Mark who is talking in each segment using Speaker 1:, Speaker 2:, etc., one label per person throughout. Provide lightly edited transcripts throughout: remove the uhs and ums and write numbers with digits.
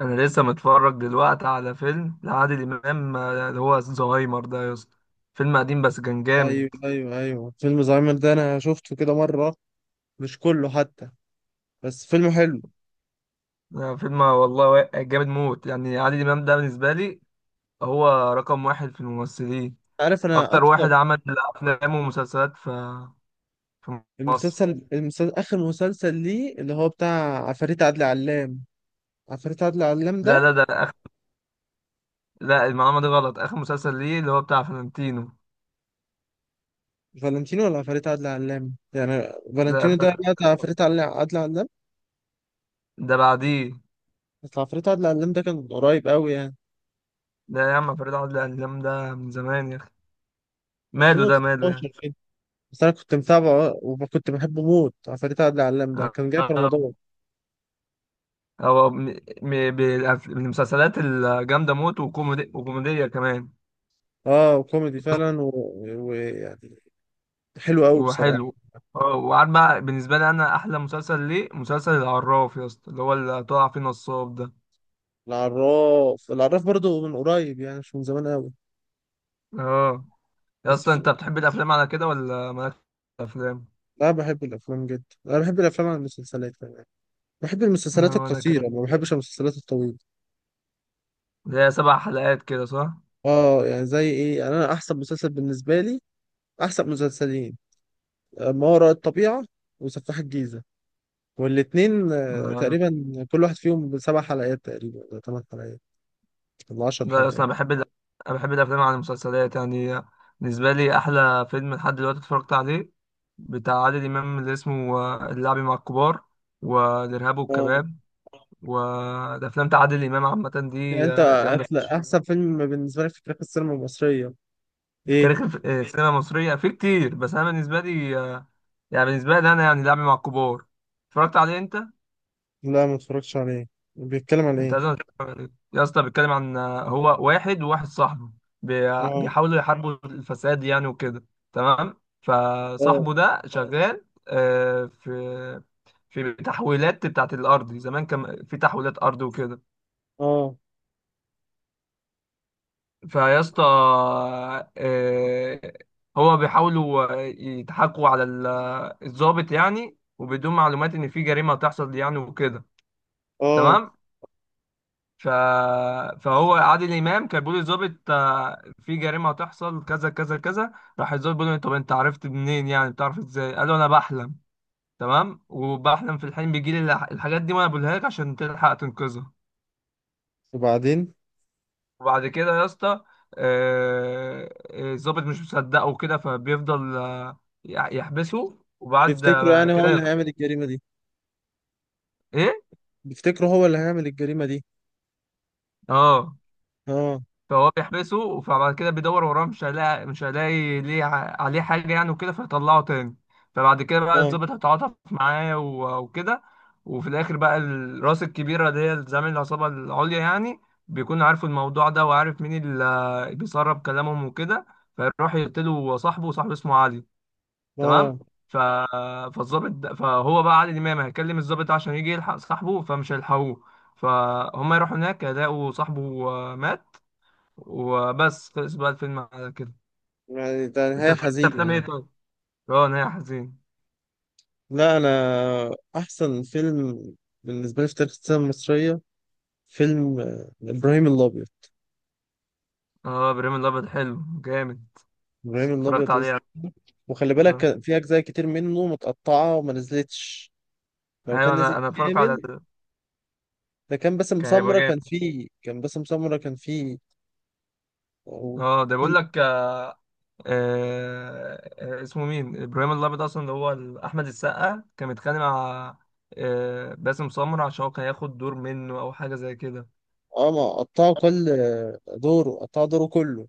Speaker 1: انا لسه متفرج دلوقتي على فيلم لعادل امام اللي هو زهايمر ده يا اسطى. فيلم قديم بس كان
Speaker 2: ايوه،
Speaker 1: جامد.
Speaker 2: ايوه، ايوه، فيلم زهايمر ده انا شفته كده مره. مش كله حتى، بس فيلم حلو.
Speaker 1: فيلم والله جامد موت، يعني عادل امام ده بالنسبه لي هو رقم واحد في الممثلين.
Speaker 2: عارف؟ انا
Speaker 1: اكتر واحد
Speaker 2: اكتر.
Speaker 1: عمل افلام ومسلسلات في مصر.
Speaker 2: المسلسل اخر مسلسل ليه اللي هو بتاع عفاريت عادل علام. عفاريت عادل علام
Speaker 1: لا،
Speaker 2: ده.
Speaker 1: لا، ده لا، المعلومه دي غلط. اخر مسلسل ليه اللي هو بتاع فلنتينو.
Speaker 2: فالنتينو ولا عفاريت عادل علام يعني؟
Speaker 1: ده
Speaker 2: فالنتينو
Speaker 1: ف...
Speaker 2: ده بقى بتاع عفاريت عادل علام.
Speaker 1: ده بعديه.
Speaker 2: بس عفاريت عادل علام ده كان قريب قوي يعني،
Speaker 1: ده يا عم فريد. عادل امام ده من زمان يا اخي، ماله؟ ده ماله يعني؟
Speaker 2: 2019 كده. بس انا كنت متابعه وكنت بحبه موت. عفاريت عادل علام ده كان جاي في
Speaker 1: آه،
Speaker 2: رمضان.
Speaker 1: هو من المسلسلات الجامدة موت، وكوميدي وكوميدية كمان.
Speaker 2: اه، وكوميدي فعلا، ويعني يعني حلو قوي بصراحه.
Speaker 1: وحلو. اه، وعارف بقى بالنسبة لي أنا أحلى مسلسل ليه مسلسل العراف يا اسطى، اللي هو اللي طلع فيه نصاب ده.
Speaker 2: العراف، العراف برضو من قريب يعني، مش من زمان قوي.
Speaker 1: اه، يا
Speaker 2: بس
Speaker 1: اسطى
Speaker 2: في...
Speaker 1: أنت بتحب الأفلام على كده ولا مالكش في الأفلام؟
Speaker 2: لا، بحب الافلام جدا. انا بحب الافلام عن المسلسلات كمان. بحب المسلسلات
Speaker 1: اه، وأنا
Speaker 2: القصيره،
Speaker 1: كمان.
Speaker 2: ما بحبش المسلسلات الطويله.
Speaker 1: اللي هي 7 حلقات كده، صح؟
Speaker 2: اه يعني زي ايه يعني، انا احسن مسلسل بالنسبه لي احسن مسلسلين، ما وراء الطبيعه وسفاح الجيزه. والاتنين
Speaker 1: آه.
Speaker 2: تقريبا. كل واحد فيهم ب7 حلقات تقريبا، ولا 8 حلقات، ولا 10
Speaker 1: ده اصلا
Speaker 2: حلقات.
Speaker 1: أنا بحب انا بحب الافلام عن المسلسلات يعني. بالنسبه لي احلى فيلم لحد دلوقتي اتفرجت عليه بتاع عادل امام، اللي اسمه اللعب مع الكبار والارهاب
Speaker 2: اه
Speaker 1: والكباب. والافلام بتاع عادل امام عامه
Speaker 2: يعني
Speaker 1: دي
Speaker 2: انت،
Speaker 1: جامده.
Speaker 2: احسن فيلم بالنسبه لك في تاريخ السينما المصريه
Speaker 1: في
Speaker 2: ايه؟
Speaker 1: تاريخ السينما المصريه في كتير، بس انا بالنسبه لي يعني بالنسبه لي انا يعني اللعب مع الكبار. اتفرجت عليه انت؟
Speaker 2: لا، ما اتفرجتش عليه. بيتكلم عن
Speaker 1: انت
Speaker 2: ايه؟
Speaker 1: لازم تتفرج عليه يا اسطى. بيتكلم عن هو واحد وواحد صاحبه.
Speaker 2: اه،
Speaker 1: بيحاولوا يحاربوا الفساد يعني وكده. تمام.
Speaker 2: اه،
Speaker 1: فصاحبه ده شغال في تحويلات بتاعت الارض، زمان كان في تحويلات ارض وكده.
Speaker 2: اه،
Speaker 1: فيا اسطى، آه، هو بيحاولوا يضحكوا على الضابط يعني، وبدون معلومات ان في جريمه هتحصل يعني وكده.
Speaker 2: اه،
Speaker 1: تمام. ف... فهو عادل امام كان بيقول للظابط في جريمه هتحصل كذا كذا كذا. راح الظابط بيقول له: طب انت عرفت منين؟ يعني بتعرف ازاي؟ قال له: انا بحلم. تمام، وبحلم في الحلم بيجي لي الحاجات دي، وانا بقولها لك عشان تلحق تنقذها.
Speaker 2: وبعدين؟
Speaker 1: وبعد كده يا اسطى الظابط مش مصدقه وكده، فبيفضل يحبسه، وبعد
Speaker 2: بيفتكروا يعني هو
Speaker 1: كده
Speaker 2: اللي هيعمل الجريمة دي؟
Speaker 1: ايه.
Speaker 2: بيفتكروا هو اللي هيعمل الجريمة دي؟
Speaker 1: اه،
Speaker 2: اه،
Speaker 1: فهو بيحبسه. فبعد كده بيدور وراه، مش هيلاقي ليه عليه حاجة يعني وكده، فيطلعه تاني. فبعد كده بقى
Speaker 2: اه،
Speaker 1: الضابط هيتعاطف معاه وكده. وفي الآخر بقى الراس الكبيرة اللي هي زعيم العصابة العليا يعني، بيكون عارف الموضوع ده وعارف مين اللي بيسرب كلامهم وكده. فيروح يقتله صاحبه، وصاحبه اسمه علي. تمام.
Speaker 2: اه.
Speaker 1: ف... فهو بقى علي الإمام هيكلم الضابط ده عشان يجي يلحق صاحبه، فمش هيلحقوه. فهم يروحوا هناك يلاقوا صاحبه مات. وبس، خلص بقى الفيلم على كده.
Speaker 2: يعني ده
Speaker 1: انت
Speaker 2: نهاية
Speaker 1: بتحب
Speaker 2: حزينة
Speaker 1: افلام ايه
Speaker 2: يعني.
Speaker 1: طيب؟ اه، نهاية حزين.
Speaker 2: لا، أنا أحسن فيلم بالنسبة لي في تاريخ السينما المصرية فيلم إبراهيم الأبيض.
Speaker 1: اه، ابراهيم الابيض حلو جامد.
Speaker 2: إبراهيم
Speaker 1: اتفرجت
Speaker 2: الأبيض
Speaker 1: عليه؟
Speaker 2: وخلي بالك
Speaker 1: اه.
Speaker 2: كان في أجزاء كتير منه متقطعة وما نزلتش. لو
Speaker 1: ايوه،
Speaker 2: كان نزل
Speaker 1: انا اتفرجت على
Speaker 2: كامل، ده كان باسم
Speaker 1: كان هيبقى
Speaker 2: سمرة كان
Speaker 1: جامد.
Speaker 2: فيه، كان باسم سمرة كان
Speaker 1: اه، ده بيقول
Speaker 2: فيه.
Speaker 1: لك. اسمه مين ابراهيم الابيض اصلا، اللي هو احمد السقا كان متخانق مع باسم سمرة، عشان هو كان هياخد دور منه او حاجة زي كده.
Speaker 2: اه، ما قطعوا كل دوره، قطعوا دوره كله.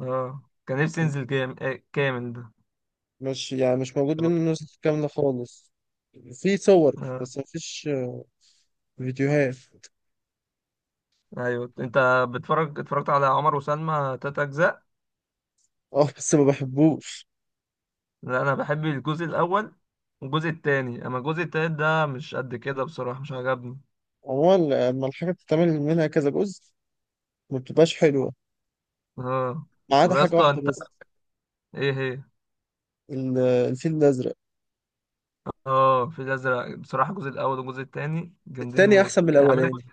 Speaker 1: اه، كان نفسي ينزل جام... آه، كامل ده.
Speaker 2: مش يعني مش موجود
Speaker 1: اه.
Speaker 2: منه النسخ كاملة خالص. في صور
Speaker 1: آه،
Speaker 2: بس مفيش، فيديوهات.
Speaker 1: ايوه انت اتفرجت على عمر وسلمى 3 اجزاء؟
Speaker 2: اه، بس ما بحبوش.
Speaker 1: لا، انا بحب الجزء الاول والجزء التاني. اما الجزء التالت ده مش قد كده بصراحه، مش عجبني.
Speaker 2: عموما لما الحاجة بتتعمل منها كذا جزء ما بتبقاش حلوة،
Speaker 1: اه.
Speaker 2: ما عدا
Speaker 1: طب يا
Speaker 2: حاجة
Speaker 1: اسطى
Speaker 2: واحدة
Speaker 1: انت،
Speaker 2: بس.
Speaker 1: ايه هي؟
Speaker 2: الفيل الأزرق.
Speaker 1: اه، في الازرق بصراحه الجزء الاول والجزء التاني جامدين
Speaker 2: التاني
Speaker 1: موت.
Speaker 2: أحسن من
Speaker 1: هيعملوا.
Speaker 2: الأولاني.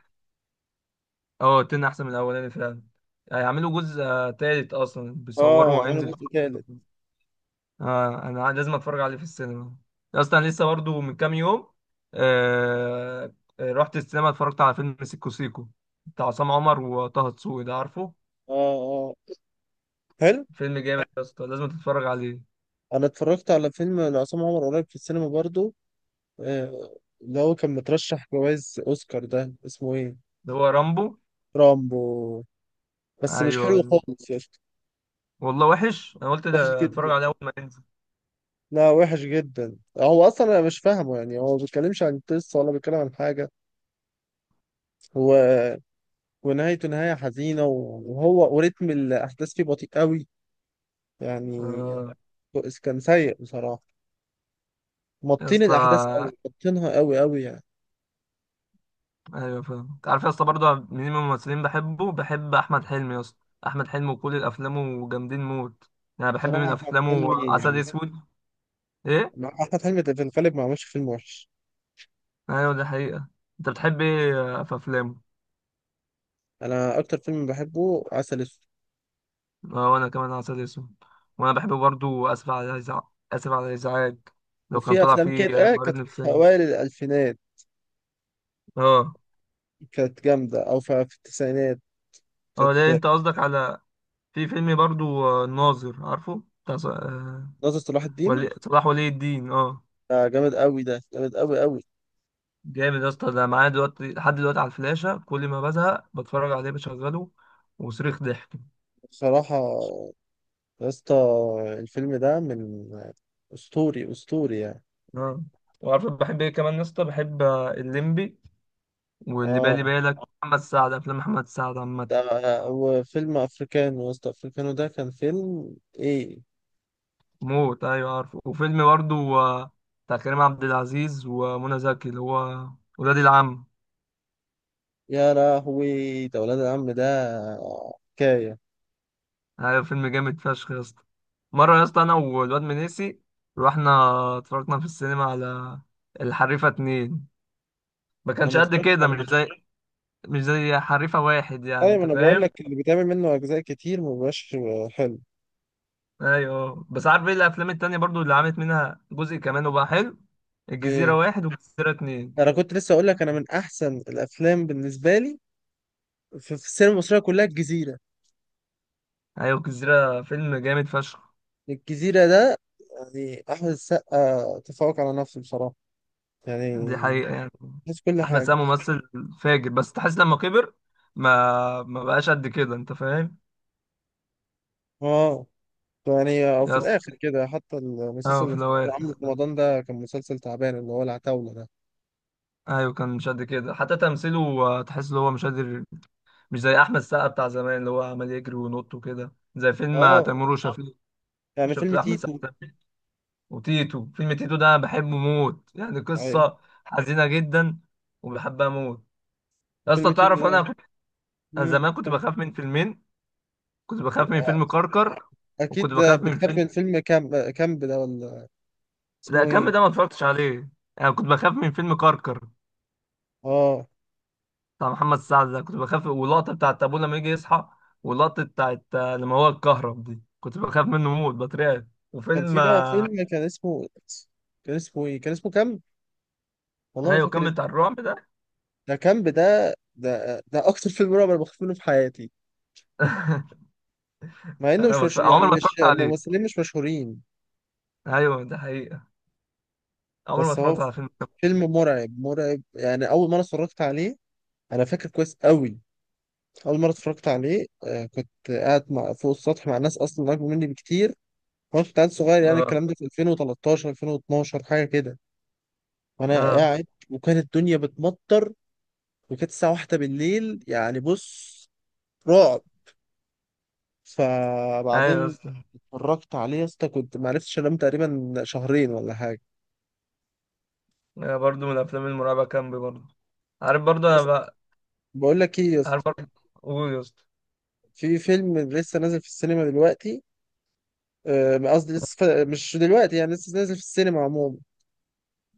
Speaker 1: اه، التاني احسن من الاولاني فعلا. هيعملوا جزء تالت، اصلا
Speaker 2: اه،
Speaker 1: بيصوروا
Speaker 2: عملوا
Speaker 1: وهينزل.
Speaker 2: جزء تالت.
Speaker 1: اه، انا لازم اتفرج عليه في السينما. يا اسطى انا لسه برضو من كام يوم، آه... رحت السينما اتفرجت على فيلم سيكو سيكو بتاع عصام عمر وطه دسوقي، ده عارفه.
Speaker 2: اه، اه، حلو.
Speaker 1: فيلم جامد يا اسطى، لازم تتفرج عليه.
Speaker 2: أنا اتفرجت على فيلم لعصام عمر قريب في السينما برضو، اللي هو كان مترشح جوائز أوسكار، ده اسمه إيه؟
Speaker 1: ده هو رامبو.
Speaker 2: رامبو، بس
Speaker 1: ايوه،
Speaker 2: مش حلو
Speaker 1: أيوة.
Speaker 2: خالص يا اسطى.
Speaker 1: والله وحش. انا قلت
Speaker 2: وحش
Speaker 1: ده اتفرج
Speaker 2: جدا.
Speaker 1: عليه اول ما ينزل.
Speaker 2: لا، وحش جدا، هو اصلا انا مش فاهمه يعني، هو ما بيتكلمش عن قصه ولا بيتكلم عن حاجه. هو، ونهايته نهايه حزينه، وهو وريتم الاحداث فيه بطيء قوي يعني.
Speaker 1: آه،
Speaker 2: كان سيء بصراحه،
Speaker 1: يا
Speaker 2: مطين الاحداث
Speaker 1: اسطى.
Speaker 2: قوي، مطينها قوي قوي يعني.
Speaker 1: ايوه فاهم. انت عارف يا اسطى برضه مين من الممثلين بحب؟ احمد حلمي يا اسطى. احمد حلمي وكل افلامه جامدين موت. يعني بحب
Speaker 2: بصراحه،
Speaker 1: من
Speaker 2: احمد
Speaker 1: افلامه
Speaker 2: حلمي
Speaker 1: عسل
Speaker 2: يعني،
Speaker 1: اسود. ايه.
Speaker 2: مع احمد حلمي في الغالب ما عملش فيلم وحش.
Speaker 1: ايوه، دي حقيقة. انت بتحب ايه في افلامه؟
Speaker 2: انا اكتر فيلم بحبه عسل اسود.
Speaker 1: اه، وانا كمان عسل اسود. وانا بحب برضه اسف على الازعاج. اسف على الازعاج. لو كان
Speaker 2: وفي
Speaker 1: طلع
Speaker 2: افلام
Speaker 1: فيه
Speaker 2: كده
Speaker 1: مريض
Speaker 2: كانت في
Speaker 1: نفساني.
Speaker 2: اوائل الالفينات
Speaker 1: اه.
Speaker 2: كانت جامده، او في التسعينات
Speaker 1: اه، ده
Speaker 2: كانت
Speaker 1: انت قصدك على في فيلم برضو الناظر، عارفه بتاع
Speaker 2: ناصر صلاح الدين.
Speaker 1: ولي الدين. اه،
Speaker 2: ده جامد قوي، ده جامد قوي قوي
Speaker 1: جامد يا اسطى. ده معايا دلوقتي لحد دلوقتي على الفلاشة، كل ما بزهق بتفرج عليه، بشغله وصريخ ضحك.
Speaker 2: بصراحة، يا اسطى. الفيلم ده من أسطوري، أسطوري يعني.
Speaker 1: اه، وعارف بحب ايه كمان يا اسطى؟ بحب الليمبي واللي بالي
Speaker 2: اه،
Speaker 1: بالك، محمد سعد. افلام محمد سعد عامة
Speaker 2: ده هو فيلم أفريكانو، يا اسطى، أفريكانو ده كان فيلم إيه؟
Speaker 1: موت. ايوه عارفه. وفيلم برضو بتاع كريم عبد العزيز ومنى زكي اللي هو ولاد العم.
Speaker 2: يا لهوي، ده ولاد العم، ده حكاية.
Speaker 1: ايوه، فيلم جامد فشخ يا اسطى. مره يا اسطى، انا والواد منيسي رحنا اتفرجنا في السينما على الحريفه 2. ما
Speaker 2: أنا
Speaker 1: كانش
Speaker 2: ما
Speaker 1: قد
Speaker 2: اتفرجتش
Speaker 1: كده، مش
Speaker 2: عليه.
Speaker 1: زي مش زي حريفه واحد يعني،
Speaker 2: أيوة، ما
Speaker 1: انت
Speaker 2: أنا بقول
Speaker 1: فاهم.
Speaker 2: لك اللي بيتعمل منه أجزاء كتير ما بيبقاش حلو.
Speaker 1: ايوه، بس عارف ايه الافلام التانية برضو اللي عملت منها جزء كمان وبقى حلو؟ الجزيره
Speaker 2: إيه،
Speaker 1: واحد والجزيره اتنين
Speaker 2: أنا كنت لسه أقول لك، أنا من أحسن الأفلام بالنسبة لي في السينما المصرية كلها الجزيرة.
Speaker 1: ايوه، الجزيره فيلم جامد فشخ.
Speaker 2: الجزيرة ده يعني أحمد السقا تفوق على نفسه بصراحة
Speaker 1: دي
Speaker 2: يعني،
Speaker 1: حقيقه يعني.
Speaker 2: حس كل
Speaker 1: احمد
Speaker 2: حاجة.
Speaker 1: سامي ممثل فاجر، بس تحس لما كبر ما بقاش قد كده، انت فاهم؟
Speaker 2: اه، يعني أو في
Speaker 1: يا اسطى.
Speaker 2: الآخر كده حتى المسلسل
Speaker 1: اه، في
Speaker 2: اللي
Speaker 1: الأوائل.
Speaker 2: كان عامله في رمضان ده كان مسلسل تعبان، اللي هو العتاولة ده.
Speaker 1: ايوه، كان مش قد كده حتى تمثيله، تحس ان هو مش قادر. مش زي احمد سقا بتاع زمان اللي هو عمال يجري وينط وكده، زي فيلم
Speaker 2: اه
Speaker 1: تيمور بالظبط وشفيق.
Speaker 2: يعني،
Speaker 1: شفت؟
Speaker 2: فيلم
Speaker 1: ده احمد
Speaker 2: تيتو.
Speaker 1: سقا وتيتو. فيلم تيتو ده انا بحبه موت، يعني
Speaker 2: أيوة.
Speaker 1: قصه حزينه جدا، وبحبها موت. يا
Speaker 2: فيلم
Speaker 1: اسطى تعرف،
Speaker 2: تيتو
Speaker 1: انا
Speaker 2: ده
Speaker 1: كنت، أنا
Speaker 2: مم.
Speaker 1: زمان كنت
Speaker 2: كان-
Speaker 1: بخاف من فيلمين. كنت بخاف من فيلم كركر، وكنت
Speaker 2: أكيد ده
Speaker 1: بخاف من
Speaker 2: بتخاف
Speaker 1: فيلم،
Speaker 2: من فيلم كامب، كامب ده ولا؟
Speaker 1: لا
Speaker 2: اسمه
Speaker 1: كم
Speaker 2: إيه؟
Speaker 1: ده ما اتفرجتش عليه. انا كنت بخاف من فيلم كركر
Speaker 2: اه،
Speaker 1: بتاع محمد سعد، ده كنت بخاف. واللقطة بتاعت أبوه لما يجي يصحى، واللقطة بتاعت لما هو اتكهرب دي، كنت بخاف منه موت، بترعب.
Speaker 2: كان في
Speaker 1: وفيلم
Speaker 2: بقى فيلم كان اسمه إيه؟ كان اسمه كامب؟ والله ما
Speaker 1: أيوة،
Speaker 2: فاكر.
Speaker 1: كان بتاع الرعب ده.
Speaker 2: ده كامب، ده اكتر فيلم رعب انا بخاف منه في حياتي، مع انه
Speaker 1: أنا
Speaker 2: مش
Speaker 1: ما
Speaker 2: مش
Speaker 1: اتف-
Speaker 2: يعني
Speaker 1: عمري ما
Speaker 2: مش
Speaker 1: اتفرجت عليه.
Speaker 2: ممثلين مش مشهورين.
Speaker 1: أيوة، ده حقيقة. عمري ما
Speaker 2: بس هو
Speaker 1: اتفرجت على فيلم.
Speaker 2: فيلم مرعب، مرعب يعني. اول مره اتفرجت عليه انا فاكر كويس قوي. اول مره اتفرجت عليه كنت قاعد مع فوق السطح مع ناس اصلا اكبر مني بكتير، وانا كنت قاعد صغير يعني.
Speaker 1: اه،
Speaker 2: الكلام ده في 2013 2012 حاجه كده. وانا
Speaker 1: اه.
Speaker 2: قاعد وكانت الدنيا بتمطر، وكانت الساعه واحدة بالليل يعني. بص، رعب.
Speaker 1: أيوة
Speaker 2: فبعدين
Speaker 1: أصلا.
Speaker 2: اتفرجت عليه يا اسطى كنت ما عرفتش انام تقريبا شهرين ولا حاجه.
Speaker 1: أنا برضه من الأفلام المرعبة كامبي برضه. عارف برضه. أنا
Speaker 2: بس
Speaker 1: بقى
Speaker 2: بقول لك ايه يا
Speaker 1: عارف
Speaker 2: اسطى،
Speaker 1: برضه. قول يا اسطى.
Speaker 2: في فيلم لسه نازل في السينما دلوقتي، قصدي لسه مش دلوقتي يعني، لسه نازل في السينما عموما.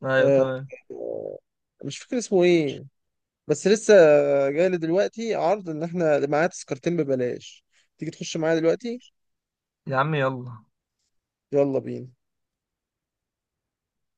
Speaker 1: أيوة
Speaker 2: آه،
Speaker 1: تمام.
Speaker 2: آه، مش فاكر اسمه ايه، بس لسه جاي لي دلوقتي عرض ان احنا معايا تذكرتين ببلاش، تيجي تخش معايا دلوقتي؟
Speaker 1: يا عم يلا.
Speaker 2: يلا بينا.